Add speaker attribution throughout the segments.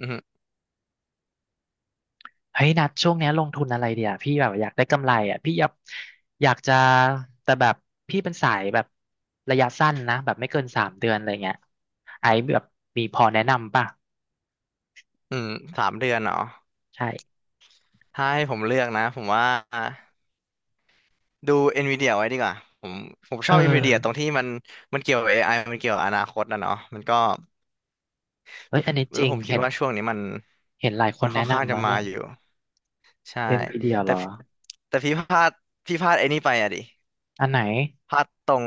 Speaker 1: อืม
Speaker 2: เฮ้ยนัดช่วงเนี้ยลงทุนอะไรเดียวพี่แบบอยากได้กำไรอ่ะพี่อยากจะแต่แบบพี่เป็นสายแบบระยะสั้นนะแบบไม่เกินสามเดือนอะไรเงี้ยไอ้แบบมีพอแนะนำป่ะ
Speaker 1: อืมสามเดือนเหรอ
Speaker 2: ใช่
Speaker 1: ถ้าให้ผมเลือกนะผมว่าดู NVIDIA ไว้ดีกว่า ผมผมช
Speaker 2: เอ
Speaker 1: อบ NVIDIA ตรง
Speaker 2: อ
Speaker 1: ที่มันเกี่ยวกับ AI มันเกี่ยวกับอนาคตนะเนาะมันก็
Speaker 2: เฮ้ยอันนี้จริ
Speaker 1: ผ
Speaker 2: ง
Speaker 1: มคิด
Speaker 2: เห็น
Speaker 1: ว่าช่วงนี้มัน
Speaker 2: เห็นหลายค
Speaker 1: มั
Speaker 2: น
Speaker 1: นค่
Speaker 2: แนะ
Speaker 1: อนข้าง
Speaker 2: นำ
Speaker 1: จะ
Speaker 2: แล้ว
Speaker 1: มา
Speaker 2: เนี่ย
Speaker 1: อยู่ใช่
Speaker 2: เอ็นพีเดียว
Speaker 1: แต่
Speaker 2: เหรอ
Speaker 1: พี่แต่พี่พลาดพี่พลาดไอ้นี่ไปอะดิ
Speaker 2: อันไหน
Speaker 1: พลาดตรง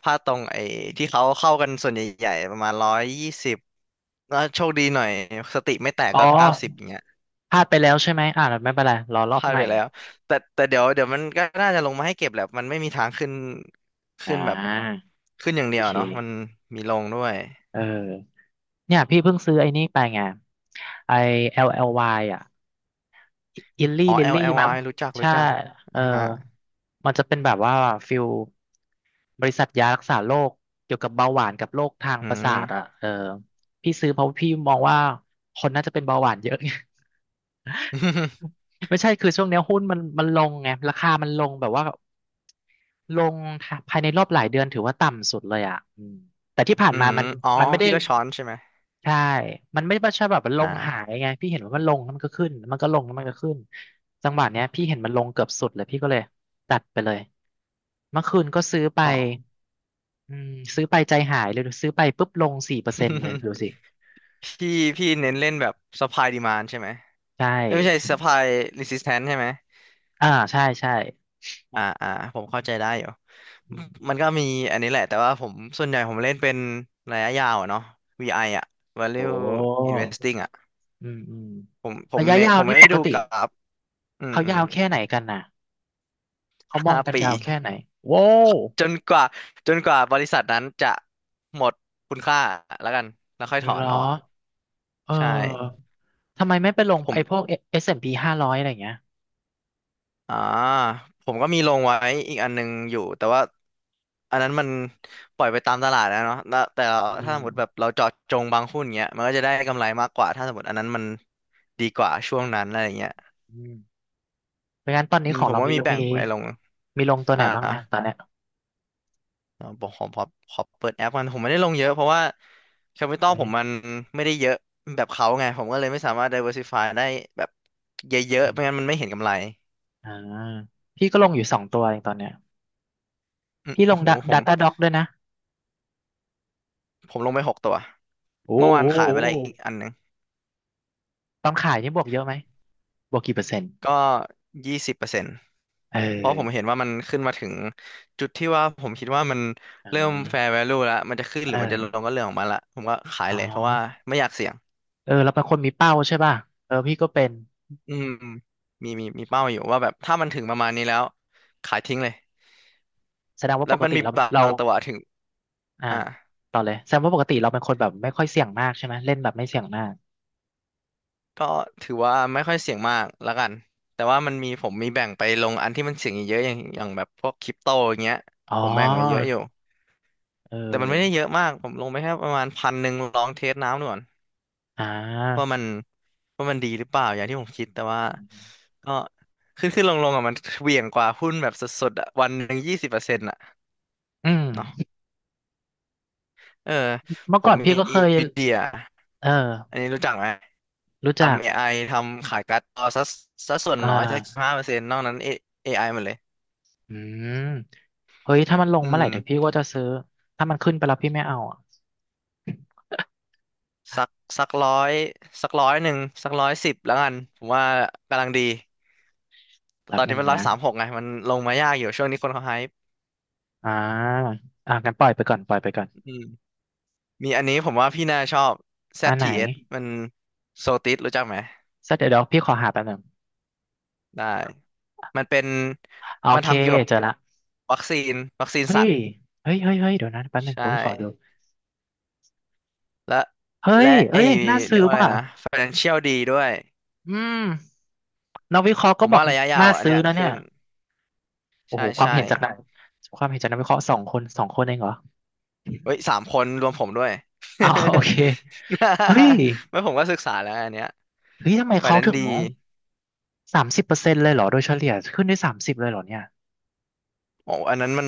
Speaker 1: พลาดตรงไอ้ที่เขาเข้ากันส่วนใหญ่ๆประมาณร้อยยี่สิบแล้วโชคดีหน่อยสติไม่แตก
Speaker 2: อ๋อ
Speaker 1: ก็เก้าสิบอย่างเงี้ย
Speaker 2: พลาดไปแล้วใช่ไหมอ่าไม่เป็นไรรอร
Speaker 1: พ
Speaker 2: อบ
Speaker 1: ลาด
Speaker 2: ให
Speaker 1: ไป
Speaker 2: ม่
Speaker 1: แล้วแต่เดี๋ยวมันก็น่าจะลงมาให้เก็บแหละมันไม่มีทางขึ้น
Speaker 2: อ่
Speaker 1: ขึ้นแบบ
Speaker 2: า
Speaker 1: ขึ้นอย่างเดี
Speaker 2: โอ
Speaker 1: ยว
Speaker 2: เค
Speaker 1: เนาะมันมีลงด้วย
Speaker 2: เออเนี่ยพี่เพิ่งซื้อไอ้นี่ไปไงไอ้ l ยอ่ะ อิลลี่
Speaker 1: อ๋อ
Speaker 2: ลิลลี่มั้ง
Speaker 1: LLY รู้จักรู้
Speaker 2: ใช่
Speaker 1: จัก
Speaker 2: เอ
Speaker 1: อ่ะ
Speaker 2: อ
Speaker 1: ฮะ
Speaker 2: มันจะเป็นแบบว่าฟิลบริษัทยารักษาโรคเกี่ยวกับเบาหวานกับโรคทาง
Speaker 1: อื
Speaker 2: ประสา
Speaker 1: ม
Speaker 2: ทอ่ะเออพี่ซื้อเพราะพี่มองว่าคนน่าจะเป็นเบาหวานเยอะไง ไม่ใช่คือช่วงเนี้ยหุ้นมันลงไงราคามันลงแบบว่า ลงค่ะภายในรอบหลายเดือนถือว่าต่ำสุดเลยอ่ะอืมแต่ที่ผ่า
Speaker 1: อื
Speaker 2: นมา
Speaker 1: ม
Speaker 2: มัน
Speaker 1: อ๋อ
Speaker 2: มันไม่ได้
Speaker 1: พี่ก็ช้อนใช่ไหม
Speaker 2: ใช่ มันไม่ใช่แบบมัน
Speaker 1: อ
Speaker 2: ลงหาย
Speaker 1: ่า
Speaker 2: ไงพี่เห็นว่ามันลงแล้วมันก็ขึ้นมันก็ลงแล้วมันก็ขึ้นจังหวะเนี้ยพี่เห็นมันลงเกือบสุดเลยพี่ก็เลยตัดไปเลยเมื่อคืนก็ซื้อไป
Speaker 1: อ๋อ
Speaker 2: อืมซื้อไปใจหายเลยดูซื้อไปปุ๊บลง4%เลยดูสิ
Speaker 1: พี่พี่เน้นเล่นแบบ supply demand ใช่ไหม
Speaker 2: ใช่
Speaker 1: เอ้ยไม่ใช่ supply resistance ใช่ไหม
Speaker 2: อ่าใช่ใช่
Speaker 1: อ่าอ่าผมเข้าใจได้อยู่
Speaker 2: อื
Speaker 1: มั
Speaker 2: ม
Speaker 1: นก็มีอันนี้แหละแต่ว่าผมส่วนใหญ่ผมเล่นเป็นระยะยาวอะเนาะ VI ออะ Value
Speaker 2: โอ้
Speaker 1: Investing อะ
Speaker 2: อืมอืม
Speaker 1: ผมผม
Speaker 2: ระยะ
Speaker 1: เน
Speaker 2: ยา
Speaker 1: ผ
Speaker 2: ว
Speaker 1: ม
Speaker 2: นี่
Speaker 1: ไม่
Speaker 2: ป
Speaker 1: ได้
Speaker 2: ก
Speaker 1: ดู
Speaker 2: ติ
Speaker 1: กราฟอืม
Speaker 2: เขา
Speaker 1: อืม
Speaker 2: ยาวแค่ไหนกันน่ะ เขามอ
Speaker 1: ห้า
Speaker 2: งกัน
Speaker 1: ปี
Speaker 2: ยาวแค่ไหนโว้ว
Speaker 1: จนกว่าจนกว่าบริษัทนั้นจะหมดคุณค่าแล้วกันแล้วค่อยถอ
Speaker 2: เหร
Speaker 1: น
Speaker 2: อ
Speaker 1: ออก
Speaker 2: เอ
Speaker 1: ใช่
Speaker 2: อทำไมไม่ไปลง
Speaker 1: ผม
Speaker 2: ไอ้พวก S&P 500อะไรอย่างเงี้ย
Speaker 1: อ่าผมก็มีลงไว้อีกอันหนึงอยู่แต่ว่าอันนั้นมันปล่อยไปตามตลาดนะเนาะแล้วแต่เรา
Speaker 2: อื
Speaker 1: ถ้าส
Speaker 2: ม
Speaker 1: มมติแบบเราเจาะจงบางหุ้นเงี้ยมันก็จะได้กำไรมากกว่าถ้าสมมติอันนั้นมันดีกว่าช่วงนั้นอะไรเงี้ย
Speaker 2: อืมเพราะงั้นตอน
Speaker 1: อื
Speaker 2: นี้
Speaker 1: ม
Speaker 2: ขอ
Speaker 1: ผ
Speaker 2: ง
Speaker 1: ม
Speaker 2: เรา
Speaker 1: ก็
Speaker 2: มี
Speaker 1: มีแบ่
Speaker 2: มี
Speaker 1: งไว้ลง
Speaker 2: มีลงตัวไห
Speaker 1: อ่า
Speaker 2: นบ้างนะตอนเนี้ย
Speaker 1: เอ่บอกขอเปิดแอปกันผมไม่ได้ลงเยอะเพราะว่าแคปิตอล
Speaker 2: เอ้
Speaker 1: ผ
Speaker 2: ย
Speaker 1: มมันไม่ได้เยอะแบบเขาไงผมก็เลยไม่สามารถ diversify ได้แบบเยอะ
Speaker 2: อื
Speaker 1: ๆไม่งั้น
Speaker 2: ม
Speaker 1: มันไม่เห็นกำไร
Speaker 2: อ่าพี่ก็ลงอยู่2 ตัวเองตอนเนี้ย
Speaker 1: อืม
Speaker 2: พี่ล
Speaker 1: โอ้
Speaker 2: ง
Speaker 1: โห ผม
Speaker 2: Data Doc ด้วยนะ
Speaker 1: ผมลงไปหกตัว
Speaker 2: โอ้
Speaker 1: เมื่อวา
Speaker 2: โห
Speaker 1: นขายไปแล้วอีกอันหนึ่ง
Speaker 2: ตอนขายนี่บวกเยอะไหมบวกกี่เปอร์เซ็นต์
Speaker 1: ก็ยี่สิบเปอร์เซ็นต์
Speaker 2: เอ
Speaker 1: เพราะผมเห็
Speaker 2: อ
Speaker 1: นว่ามันขึ้นมาถึงจุดที่ว่าผมคิดว่ามัน
Speaker 2: อ่
Speaker 1: เริ่ม fair
Speaker 2: า
Speaker 1: value แล้วมันจะขึ้นห
Speaker 2: เอ
Speaker 1: รือมันจะลง
Speaker 2: อ
Speaker 1: ก็เรื่องของมันละผมก็ขาย
Speaker 2: อ๋อ
Speaker 1: เลยเพราะว่าไม่อยากเสี่ยง
Speaker 2: เออเราเป็นคนมีเป้าใช่ป่ะเออพี่ก็เป็น
Speaker 1: อืมมีเป้าอยู่ว่าแบบถ้ามันถึงประมาณนี้แล้วขายทิ้งเลย
Speaker 2: แสดงว่า
Speaker 1: แล้
Speaker 2: ป
Speaker 1: ว
Speaker 2: ก
Speaker 1: มัน
Speaker 2: ติ
Speaker 1: มี
Speaker 2: เรา
Speaker 1: บา
Speaker 2: เรา
Speaker 1: งตัวถึง
Speaker 2: อ่า
Speaker 1: อ่า
Speaker 2: ต่อเลยแสดงว่าปกติเราเป็นคนแบบไม่ค่อยเสี่ยงมากใช่ไหมเล่นแบบไม่เสี่ยงมาก
Speaker 1: ก็ถือว่าไม่ค่อยเสี่ยงมากแล้วกัน แต่ว่ามันมีผมมีแบ่งไปลงอันที่มันเสี่ยงเยอะๆอย่างแบบพวกคริปโตอย่างเงี้ย
Speaker 2: อ๋อ
Speaker 1: ผมแบ่งไว้เยอะอยู่
Speaker 2: เอ
Speaker 1: แต่มันไม่ได้เย
Speaker 2: อ
Speaker 1: อะมากผมลงไปแค่ประมาณพันหนึ่งลองเทสน้ำดูก่อน
Speaker 2: อ่า
Speaker 1: ว่ามันว่ามันดีหรือเปล่าอย่างที่ผมคิดแต่ว่าก็ขึ้นขึ้นลงลงอ่ะมันเหวี่ยงกว่าหุ้นแบบสดๆอ่ะวันหนึ่งยี่สิบเปอร์เซ็นต์อ่ะ
Speaker 2: อื
Speaker 1: เนาะ
Speaker 2: ม
Speaker 1: เออ
Speaker 2: เมื่
Speaker 1: ผ
Speaker 2: อก่
Speaker 1: ม
Speaker 2: อนพี่
Speaker 1: มี
Speaker 2: ก็เคย
Speaker 1: วิเดีย
Speaker 2: เออ
Speaker 1: อันนี้รู้จักไหม
Speaker 2: รู้จัก
Speaker 1: ทำ AI ทำขายการ์ดจอซะส่วน
Speaker 2: อ่
Speaker 1: น้อยสัก
Speaker 2: า
Speaker 1: ห้าเปอร์เซ็นต์นอกนั้น A- ไ i หมดเลย
Speaker 2: อืมเฮ้ยถ้ามันลง
Speaker 1: อื
Speaker 2: เมื่อไหร่
Speaker 1: ม
Speaker 2: เดี๋ยวพี่ก็จะซื้อถ้ามันขึ้นไปแล้วพี่ไม่เอาอ่ะ
Speaker 1: สักสักร้อยสักร้อยหนึ่งสักร้อยสิบแล้วกันผมว่ากำลังดีแต่
Speaker 2: แป๊
Speaker 1: ตอ
Speaker 2: บ
Speaker 1: น
Speaker 2: ห
Speaker 1: นี้
Speaker 2: นึ่ง
Speaker 1: มันร้อย
Speaker 2: นะ
Speaker 1: สามหกไงมันลงมายากอยู่ช่วงนี้คนเขาไฮป์
Speaker 2: อ่าอ่ากั้นปล่อยไปก่อนปล่อยไปก่อน
Speaker 1: อืมมีอันนี้ผมว่าพี่น่าชอบ
Speaker 2: อันไหน
Speaker 1: ZTS มันโซติสรู้จักไหม
Speaker 2: สักเดี๋ยวเดี๋ยวพี่ขอหาแป๊บหนึ่ง
Speaker 1: ได้มันเป็น
Speaker 2: โอ
Speaker 1: มัน
Speaker 2: เค
Speaker 1: ทำเกี่ยวกับ
Speaker 2: เจอละ
Speaker 1: วัคซีนวัคซีน
Speaker 2: เฮ้
Speaker 1: สัตว์
Speaker 2: ยเฮ้ยเฮ้ยเฮ้ยเดี๋ยวนะแป๊บหนึ่ง
Speaker 1: ใช่
Speaker 2: ผมขอดู
Speaker 1: และ
Speaker 2: เฮ้ย
Speaker 1: และไอ
Speaker 2: เอ้ยน่า
Speaker 1: เรี
Speaker 2: ซื้
Speaker 1: ย
Speaker 2: อ
Speaker 1: กว่าอะไร
Speaker 2: ป่ะ
Speaker 1: นะ Financial ดีด้วย
Speaker 2: อืมนักวิเคราะห์
Speaker 1: ผ
Speaker 2: ก็
Speaker 1: ม
Speaker 2: บอ
Speaker 1: ว่า
Speaker 2: ก
Speaker 1: ระยะยาว
Speaker 2: น่า
Speaker 1: อันเนี้
Speaker 2: ซื้อ
Speaker 1: ย
Speaker 2: นะ
Speaker 1: ขึ้
Speaker 2: เนี่ย
Speaker 1: น
Speaker 2: โอ้
Speaker 1: ใช่
Speaker 2: โหความ
Speaker 1: ใช่
Speaker 2: เห็นจากนักความเห็นจากนักวิเคราะห์2 คน 2 คนเองเหรอ
Speaker 1: เฮ้ยสามคนรวมผมด้วย
Speaker 2: อ้าว โอเคเฮ้ย
Speaker 1: ไม่ผมก็ศึกษาแล้วอันเนี้ย
Speaker 2: เฮ้ยทำไม
Speaker 1: ฝ่าย
Speaker 2: เขา
Speaker 1: นั้น
Speaker 2: ถึง
Speaker 1: ดี
Speaker 2: 30%เลยเหรอโดยเฉลี่ยขึ้นได้สามสิบเลยเหรอเนี่ย
Speaker 1: โอ้อันนั้นมัน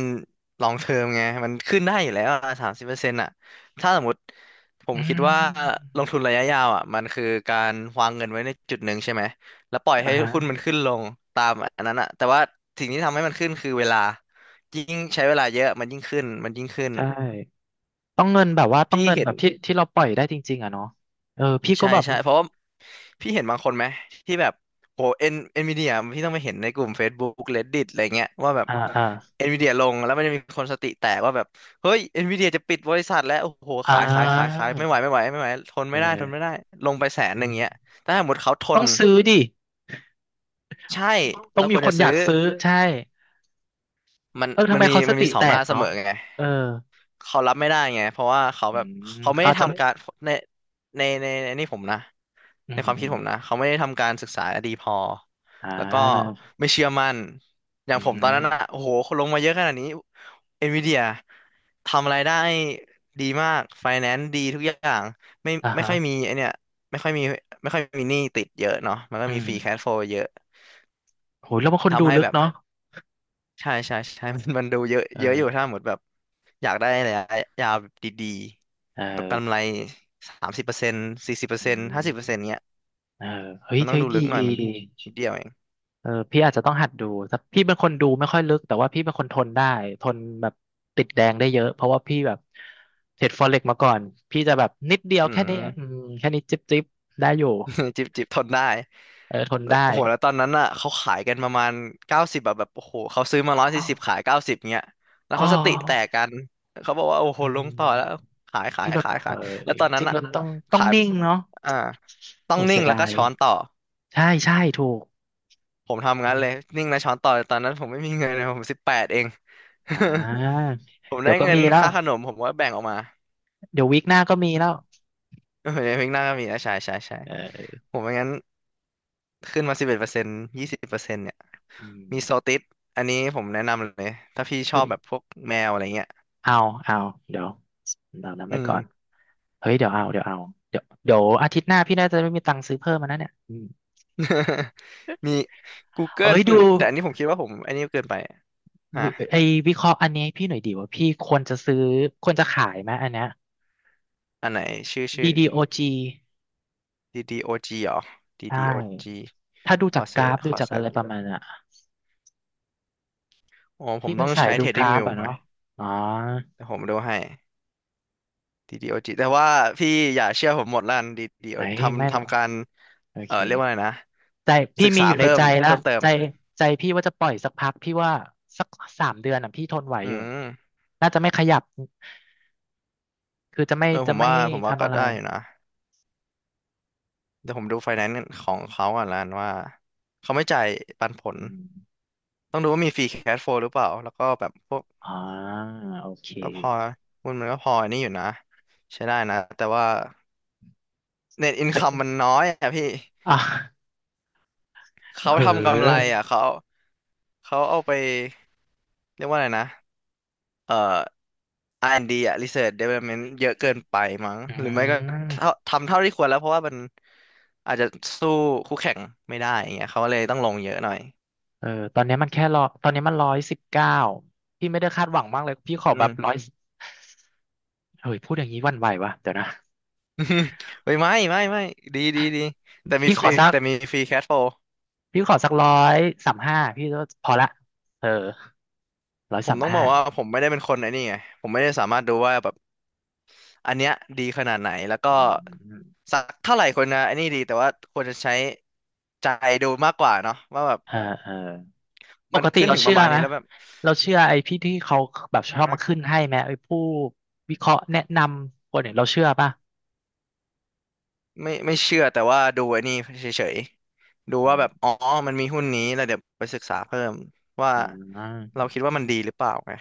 Speaker 1: ลองเทอมไงมันขึ้นได้อยู่แล้วสามสิบเปอร์เซ็นต์อ่ะถ้าสมมติผม
Speaker 2: อื
Speaker 1: คิดว่า
Speaker 2: ม
Speaker 1: ลงทุนระยะยาวอ่ะมันคือการวางเงินไว้ในจุดหนึ่งใช่ไหมแล้วปล่อย
Speaker 2: อ่า
Speaker 1: ให้
Speaker 2: ฮะ
Speaker 1: หุ้นมันขึ้นลงตามอันนั้นอ่ะแต่ว่าสิ่งที่ทำให้มันขึ้นคือเวลายิ่งใช้เวลาเยอะมันยิ่งขึ้น
Speaker 2: ใช่ต้องเงินแบบว่าต้อง
Speaker 1: พี่
Speaker 2: เงิน
Speaker 1: เห็
Speaker 2: แบ
Speaker 1: น
Speaker 2: บที่ที่เราปล่อยได้จริงๆอะเนาะเออพี่ก็
Speaker 1: ใช่
Speaker 2: แบบ
Speaker 1: ใช่เพราะว่าพี่เห็นบางคนไหมที่แบบโหเอ็นเอ็นวีเดียพี่ต้องไปเห็นในกลุ่ม Facebook Reddit อะไรเงี้ยว่าแบบ
Speaker 2: อ่าอ่า
Speaker 1: เอ็นวีเดียลงแล้วมันจะมีคนสติแตกว่าแบบเฮ้ยเอ็นวีเดียจะปิดบริษัทแล้วโอ้โห
Speaker 2: อ่
Speaker 1: ขายขายขายขา
Speaker 2: า
Speaker 1: ยไม่ไหวทน
Speaker 2: เอ
Speaker 1: ไม่ได้ทน
Speaker 2: อ
Speaker 1: ไม่ได้ลงไปแสนห
Speaker 2: อื
Speaker 1: นึ่ง
Speaker 2: ม
Speaker 1: เงี้ยแต่ถ้าสมมติเขาท
Speaker 2: ต้อ
Speaker 1: น
Speaker 2: งซื้อดิ
Speaker 1: ใช่
Speaker 2: ต้อ
Speaker 1: เรา
Speaker 2: ง
Speaker 1: ค
Speaker 2: มี
Speaker 1: วร
Speaker 2: ค
Speaker 1: จะ
Speaker 2: นอ
Speaker 1: ซื้
Speaker 2: ยา
Speaker 1: อ
Speaker 2: กซื้อใช่
Speaker 1: มัน
Speaker 2: เออ
Speaker 1: มั
Speaker 2: ทำ
Speaker 1: น
Speaker 2: ไม
Speaker 1: มี
Speaker 2: เขาส
Speaker 1: มัน
Speaker 2: ติ
Speaker 1: มีสอ
Speaker 2: แต
Speaker 1: งด้า
Speaker 2: ก
Speaker 1: นเสม
Speaker 2: เนาะ
Speaker 1: อไง
Speaker 2: เออ
Speaker 1: เขารับไม่ได้ไงเพราะว่าเขา
Speaker 2: อื
Speaker 1: แบบ
Speaker 2: ม
Speaker 1: เขาไม่ได้
Speaker 2: เขาจะไม่
Speaker 1: ทำการในในนี่ผมนะ
Speaker 2: อื
Speaker 1: ใน
Speaker 2: ม
Speaker 1: ความ
Speaker 2: อื
Speaker 1: คิด
Speaker 2: ม
Speaker 1: ผมนะเขาไม่ได้ทำการศึกษาดีพอ
Speaker 2: อ่
Speaker 1: แล้วก็
Speaker 2: า
Speaker 1: ไม่เชื่อมั่นอย่าง
Speaker 2: อืม
Speaker 1: ผ
Speaker 2: อ
Speaker 1: ม
Speaker 2: หื
Speaker 1: ต
Speaker 2: อ
Speaker 1: อนนั้นอะโอ้โหคนลงมาเยอะขนาดนี้เอ็นวีเดียทำอะไรได้ดีมากไฟแนนซ์ดีทุกอย่างไม่
Speaker 2: อ่า
Speaker 1: ไม่
Speaker 2: ฮะ
Speaker 1: ค่อยมีไอเนี่ยไม่ค่อยมีไม่ค่อยมีหนี้ติดเยอะเนาะมันก็
Speaker 2: อื
Speaker 1: มี
Speaker 2: ม
Speaker 1: ฟรีแคชโฟลเยอะ
Speaker 2: โหแล้วบางคน
Speaker 1: ทำ
Speaker 2: ดู
Speaker 1: ให้
Speaker 2: ลึ
Speaker 1: แบ
Speaker 2: ก
Speaker 1: บ
Speaker 2: เนาะ
Speaker 1: ใช่ใช่ใช่ มันดูเยอะ
Speaker 2: เอ
Speaker 1: เยอะอยู่ถ้า
Speaker 2: อ
Speaker 1: หมดแบบอยากได้อะไระยะยาวแบบดี
Speaker 2: เอ
Speaker 1: ๆแบบกำไร
Speaker 2: อ
Speaker 1: สามสิบเปอร์เซ็นต์สี่สิบเปอร์
Speaker 2: อื
Speaker 1: เซ็นต์ห้าสิ
Speaker 2: ม
Speaker 1: บเปอร์เซ็นต์เงี้ย
Speaker 2: เออเฮ้
Speaker 1: มั
Speaker 2: ย
Speaker 1: นต้อง
Speaker 2: เฮ้ย
Speaker 1: ดู
Speaker 2: ดี
Speaker 1: ลึกหน่อย
Speaker 2: ดี
Speaker 1: มัน
Speaker 2: ดี
Speaker 1: นิดเดียวเอง
Speaker 2: เออพี่อาจจะต้องหัดดูแต่พี่เป็นคนดูไม่ค่อยลึกแต่ว่าพี่เป็นคนทนได้ทนแบบติดแดงได้เยอะเพราะว่าพี่แบบเทรดฟอเร็กมาก่อนพี่จะแบบนิดเดียว
Speaker 1: อื
Speaker 2: แค่นี้
Speaker 1: ม
Speaker 2: อืมแค่นี้จิ๊บจิ๊บได้อยู่
Speaker 1: จิบจิบทนได้
Speaker 2: เออทน
Speaker 1: แล้ว
Speaker 2: ได้
Speaker 1: โหแล้วตอนนั้นอ่ะเขาขายกันประมาณเก้าสิบแบบโอ้โหเขาซื้อมาร้อย
Speaker 2: อ
Speaker 1: สี่สิบขายเก้าสิบเงี้ยแล้ว
Speaker 2: ้อ
Speaker 1: เขาสติแตกกันเขาบอกว่าโอ้โห
Speaker 2: อื
Speaker 1: ลง
Speaker 2: ม
Speaker 1: ต่อแล้วขายขา
Speaker 2: จ
Speaker 1: ย
Speaker 2: ริงเรา
Speaker 1: ขาย
Speaker 2: เอ
Speaker 1: ขาย
Speaker 2: อ
Speaker 1: แล้วตอน
Speaker 2: จ
Speaker 1: นั้น
Speaker 2: ริง
Speaker 1: อ่ะ
Speaker 2: เราต้องต้อง
Speaker 1: ขาย
Speaker 2: นิ่งเนาะ
Speaker 1: อ่าต้อง
Speaker 2: โอ้
Speaker 1: นิ่
Speaker 2: เสี
Speaker 1: ง
Speaker 2: ย
Speaker 1: แล้ว
Speaker 2: ดา
Speaker 1: ก็
Speaker 2: ย
Speaker 1: ช้อนต่อ
Speaker 2: ใช่ใช่ถูก
Speaker 1: ผมทำ
Speaker 2: อื
Speaker 1: งั้นเลย
Speaker 2: ม
Speaker 1: นิ่งแล้วช้อนต่อแต่ตอนนั้นผมไม่มีเงินเลยผมสิบแปดเอง
Speaker 2: อ่า
Speaker 1: ผม
Speaker 2: เดี๋
Speaker 1: ได้
Speaker 2: ยวก็
Speaker 1: เงิน
Speaker 2: มีแล้ว
Speaker 1: ค่าขนมผมก็แบ่งออกมา
Speaker 2: เดี๋ยววีคหน้าก็มีแล้ว
Speaker 1: เออในพริกหน้าก็มีนะใช่ใช่ใช่
Speaker 2: เออ
Speaker 1: ผมไม่งั้นขึ้นมาสิบเอ็ดเปอร์เซ็นต์ยี่สิบเปอร์เซ็นต์
Speaker 2: อืม
Speaker 1: มีโซติสอันนี้ผมแนะนำเลย ถ้าพี่ชอ
Speaker 2: เฮ้
Speaker 1: บ
Speaker 2: ย
Speaker 1: แบบพวกแมวอะไรเงี้ย
Speaker 2: เอาเอาเดี๋ยวเรานำไว้
Speaker 1: อืม
Speaker 2: ก่อนเฮ้ยเดี๋ยวเอาเดี๋ยวเอาเดี๋ยวเดี๋ยวอาทิตย์หน้าพี่น่าจะไม่มีตังค์ซื้อเพิ่มมานะเนี่ยอืม
Speaker 1: มี
Speaker 2: เอ้
Speaker 1: Google
Speaker 2: ยดู
Speaker 1: แต่อันนี้ผมคิดว่าผมอันนี้เกินไปฮะ
Speaker 2: วิไอ้วิเคราะห์อันนี้ให้พี่หน่อยดีว่าพี่ควรจะซื้อควรจะขายไหมอันเนี้ย
Speaker 1: อันไหนชื่อ
Speaker 2: ดีดีโอจี
Speaker 1: DDOG เหรอ
Speaker 2: ใช่
Speaker 1: DDOG
Speaker 2: ถ้าดูจากกราฟ
Speaker 1: ข
Speaker 2: ดู
Speaker 1: อ
Speaker 2: จาก
Speaker 1: เซิ
Speaker 2: อะ
Speaker 1: ร์ช
Speaker 2: ไรป
Speaker 1: ก่อน
Speaker 2: ระมาณน่ะ
Speaker 1: โอ้ผม
Speaker 2: พี่
Speaker 1: ต้
Speaker 2: เป็
Speaker 1: อ
Speaker 2: น
Speaker 1: ง
Speaker 2: สาย
Speaker 1: ใช้
Speaker 2: ดูกราฟ
Speaker 1: TradingView
Speaker 2: อ่ะ
Speaker 1: ไหม
Speaker 2: เนาะอ๋อ
Speaker 1: แต่ผมดูให้ DDOG แต่ว่าพี่อย่าเชื่อผมหมดละกัน DDO
Speaker 2: ไอ้ยไม่
Speaker 1: ทำ
Speaker 2: หรอก
Speaker 1: ทำการ
Speaker 2: โอ
Speaker 1: เอ
Speaker 2: เค
Speaker 1: อเรียกว่าอะไรนะ
Speaker 2: ใจพี่
Speaker 1: ศึก
Speaker 2: มี
Speaker 1: ษา
Speaker 2: อยู่ใน
Speaker 1: เพิ่ม
Speaker 2: ใจละ
Speaker 1: เพิ่มเติม
Speaker 2: ใจใจพี่ว่าจะปล่อยสักพักพี่ว่าสักสามเดือนอ่ะพี่ทนไหว
Speaker 1: อื
Speaker 2: อยู่
Speaker 1: ม
Speaker 2: น่าจะไม่ขยับ คือจะไม่
Speaker 1: เออผ
Speaker 2: จะ
Speaker 1: ม
Speaker 2: ไม่
Speaker 1: ว่าผมว่า
Speaker 2: ทำ
Speaker 1: ก็
Speaker 2: อะไร
Speaker 1: ได้อยู่นะ เดี๋ยวผมดูไฟแนนซ์ของเขาก่อนละกันว่าเขาไม่จ่ายปันผล
Speaker 2: อืม
Speaker 1: ต้องดูว่ามีฟรีแคชโฟลหรือเปล่าแล้วก็แบบพวก
Speaker 2: อ๋อโอเค
Speaker 1: ก็พอหุ้นมันก็พออันนี้อยู่นะใช้ได้นะแต่ว่าเน็ตอินคัมมันน้อยอ่ะพี่
Speaker 2: อ่ะเ
Speaker 1: เขาทำกำไร
Speaker 2: ออ
Speaker 1: อ่ะเขาเขาเอาไปเรียกว่าอะไรนะเอ่อ R&D อ่ะ Research Development เยอะเกินไปมั้ง
Speaker 2: อื
Speaker 1: หรือไม่ก็เท่า
Speaker 2: ม
Speaker 1: ทำเท่าที่ควรแล้วเพราะว่ามันอาจจะสู้คู่แข่งไม่ได้อย่างเงี้ยเขาเลยต้องลงเยอะหน่อย
Speaker 2: เออ ตอนนี้มันแค่รอตอนนี้มัน119พี่ไม่ได้คาดหวังมากเลยพี่ขอแบ
Speaker 1: อืม
Speaker 2: บร้อยเฮ้ยพูดอย่างนี้หวันไหววะเดี๋ยวนะ
Speaker 1: อืมเฮ้ยไม่ไม่ไม่ดีดีดี
Speaker 2: พี่ขอสัก
Speaker 1: แต่มีฟรีแคทโฟล
Speaker 2: พี่ขอสัก135พี่ก็พอละเออร้อย
Speaker 1: ผม
Speaker 2: สาม
Speaker 1: ต้องบ
Speaker 2: ห้า
Speaker 1: อกว่าผมไม่ได้เป็นคนไอ้นี่ไงผมไม่ได้สามารถดูว่าแบบอันเนี้ยดีขนาดไหนแล้วก็
Speaker 2: อืม
Speaker 1: สักเท่าไหร่คนนะไอ้นี่ดีแต่ว่าควรจะใช้ใจดูมากกว่าเนาะว่าแบบ
Speaker 2: เออเออป
Speaker 1: มัน
Speaker 2: กติ
Speaker 1: ขึ้น
Speaker 2: เรา
Speaker 1: ถึงป
Speaker 2: เชื่
Speaker 1: ระ
Speaker 2: อ
Speaker 1: มาณ
Speaker 2: ไห
Speaker 1: นี้
Speaker 2: ม
Speaker 1: แล้วแบบ
Speaker 2: เราเชื่อไอ้พี่ที่เขาแบบชอบมา
Speaker 1: ฮะ
Speaker 2: ขึ้นให้ไหมไอ้ผู้วิเคราะห์แนะนำคนเนี่ยเราเชื่อป่ะ
Speaker 1: ไม่ไม่เชื่อแต่ว่าดูไอ้นี่เฉยๆดู
Speaker 2: อื
Speaker 1: ว่าแบบ
Speaker 2: ม
Speaker 1: อ๋อมันมีหุ้นนี้แล้วเดี๋ยวไปศึกษาเพิ่มว่า
Speaker 2: อ่า
Speaker 1: เราคิดว่ามันดีหรือเปล่าไง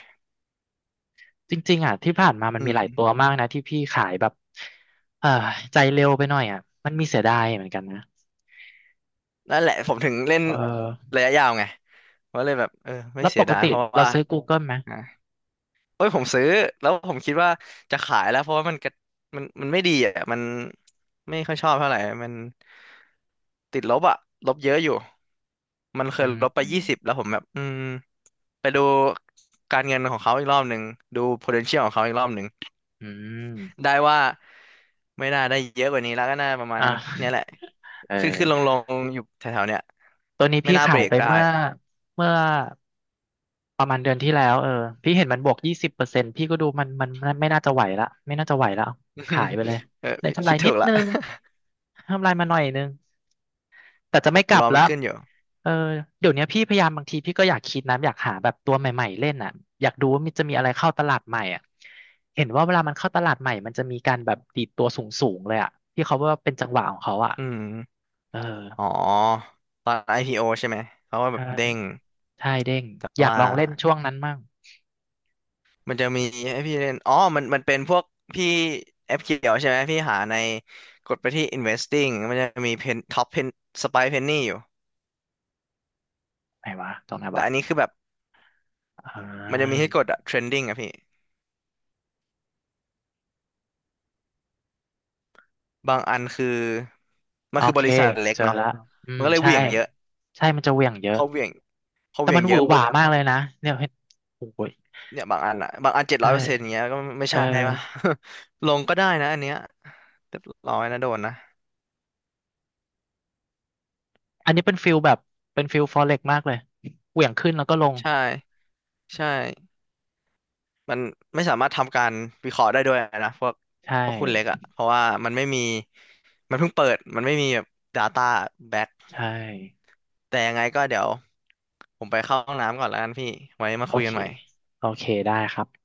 Speaker 2: จริงๆอ่ะที่ผ่านมามัน
Speaker 1: อื
Speaker 2: มีห
Speaker 1: ม
Speaker 2: ลายตัวมากนะที่พี่ขายแบบเออใจเร็วไปหน่อยอ่ะมันมีเสียดายเหมือนกันนะ
Speaker 1: นั่นแหละผมถึงเล่น
Speaker 2: เออ
Speaker 1: ระยะยาวไง ก็เลยแบบเออไม่
Speaker 2: แล้ว
Speaker 1: เสี
Speaker 2: ป
Speaker 1: ย
Speaker 2: ก
Speaker 1: ดาย
Speaker 2: ติ
Speaker 1: เพราะ
Speaker 2: เรา
Speaker 1: ว่า
Speaker 2: ซื้อ Google ไหม
Speaker 1: อ่ะเอ้ยผมซื้อแล้วผมคิดว่าจะขายแล้วเพราะว่ามันกระมันไม่ดีอ่ะมันไม่ค่อยชอบเท่าไหร่มันติดลบอ่ะลบเยอะอยู่มันเค
Speaker 2: อื
Speaker 1: ย
Speaker 2: ม
Speaker 1: ลบไป
Speaker 2: อืม
Speaker 1: ยี่สิบแล้วผมแบบอืมไปดูการเงินของเขาอีกรอบหนึ่งดู potential ของเขาอีกรอบหนึ่ง
Speaker 2: อม
Speaker 1: ได้ว่าไม่น่าได้เยอะกว่านี้แล้วก็น่าประมาณ
Speaker 2: อ่ะ
Speaker 1: เนี้ยแหละ
Speaker 2: เออ
Speaker 1: ขึ้นขึ้นลงลงอยู่แถวๆเนี้ย
Speaker 2: ตัวนี้
Speaker 1: ไม่
Speaker 2: พี่
Speaker 1: น่าเบ
Speaker 2: ขา
Speaker 1: ร
Speaker 2: ย
Speaker 1: ก
Speaker 2: ไป
Speaker 1: ได้
Speaker 2: เมื่อประมาณเดือนที่แล้วเออพี่เห็นมันบวก20%พี่ก็ดูมันไม่น่าจะไหวละไม่น่าจะไหวแล้วขายไปเลย
Speaker 1: เออ
Speaker 2: ได้กำไร
Speaker 1: คิดถู
Speaker 2: นิ
Speaker 1: ก
Speaker 2: ด
Speaker 1: ละ
Speaker 2: นึงกำไรมาหน่อยนึงแต่จะ
Speaker 1: ผ
Speaker 2: ไม่
Speaker 1: ม
Speaker 2: กลั
Speaker 1: ร
Speaker 2: บ
Speaker 1: อมั
Speaker 2: แล้
Speaker 1: น
Speaker 2: ว
Speaker 1: ขึ้นอยู่
Speaker 2: เออเดี๋ยวเนี้ยพี่พยายามบางทีพี่ก็อยากคิดนะอยากหาแบบตัวใหม่ๆเล่นอ่ะอยากดูว่ามันจะมีอะไรเข้าตลาดใหม่อ่ะเห็นว่าเวลามันเข้าตลาดใหม่มันจะมีการแบบดีดตัวสูงๆเลยอ่ะที่เขาว่าเป็นจังหวะของเขาอ่ะ
Speaker 1: อืม
Speaker 2: เออ
Speaker 1: อ๋อตอน IPO ใช่ไหมเขาก็แบ
Speaker 2: ใช่
Speaker 1: บเด้ง
Speaker 2: ใช่เด้ง
Speaker 1: แต่
Speaker 2: อยาก
Speaker 1: ว่า
Speaker 2: ลองเล่นช่วงนั้นมั่ง
Speaker 1: มันจะมีให้พี่เล่นอ๋อมันเป็นพวกพี่แอปเขียวใช่ไหมพี่หาในกดไปที่ investing มันจะมีเพนท็อปเพนสไปเพนนี่อยู่
Speaker 2: ไหนวะตรงไหน
Speaker 1: แต่อันนี้
Speaker 2: วะ
Speaker 1: คือแบบ
Speaker 2: อ่
Speaker 1: มันจะมี
Speaker 2: า
Speaker 1: ให้กดอะ trending อะพี่บางอันคือมั
Speaker 2: โอ
Speaker 1: นคือบ
Speaker 2: เค
Speaker 1: ริษัทเล็ก
Speaker 2: เจอ
Speaker 1: เนาะ
Speaker 2: ละอื
Speaker 1: มัน
Speaker 2: ม
Speaker 1: ก็เลยเห
Speaker 2: ใช่
Speaker 1: วี่ยงเยอะ
Speaker 2: ใช่มันจะเหวี่ยงเย
Speaker 1: พ
Speaker 2: อะ
Speaker 1: อเหวี่ยงพอเห
Speaker 2: แต่
Speaker 1: วี่ย
Speaker 2: มั
Speaker 1: ง
Speaker 2: นห
Speaker 1: เย
Speaker 2: วือ
Speaker 1: อะ
Speaker 2: ห
Speaker 1: ปุ๊
Speaker 2: วา
Speaker 1: บ
Speaker 2: มากเลยนะเนี่ยเห็นโอ้ย
Speaker 1: เนี่ยบางอันอะบางอันเจ็ดร้อย
Speaker 2: ใช่
Speaker 1: เปอร์เซ็นต์เงี้ยก็ไม่
Speaker 2: เอ
Speaker 1: ใช่ปะ
Speaker 2: อ
Speaker 1: ลงก็ได้นะอันเนี้ยเรียบร้อยนะโดนนะ
Speaker 2: อันนี้เป็นฟิลแบบเป็นฟิลฟอเร็กมากเลยเหวี่ยงขึ้นแล้วก็ลง
Speaker 1: ใช่ใช่ มันไม่สามารถทำการวิเคราะห์ได้ด้วยนะพวก
Speaker 2: ใช่
Speaker 1: คุณเล็กอ่ะเพราะว่ามันไม่มีมันเพิ่งเปิดมันไม่มีแบบ Data Back
Speaker 2: ใช่
Speaker 1: แต่ยังไงก็เดี๋ยวผมไปเข้าห้องน้ำก่อนแล้วกันพี่ไว้มา
Speaker 2: โอ
Speaker 1: คุยกั
Speaker 2: เค
Speaker 1: นใหม่
Speaker 2: โอเคได้ครับ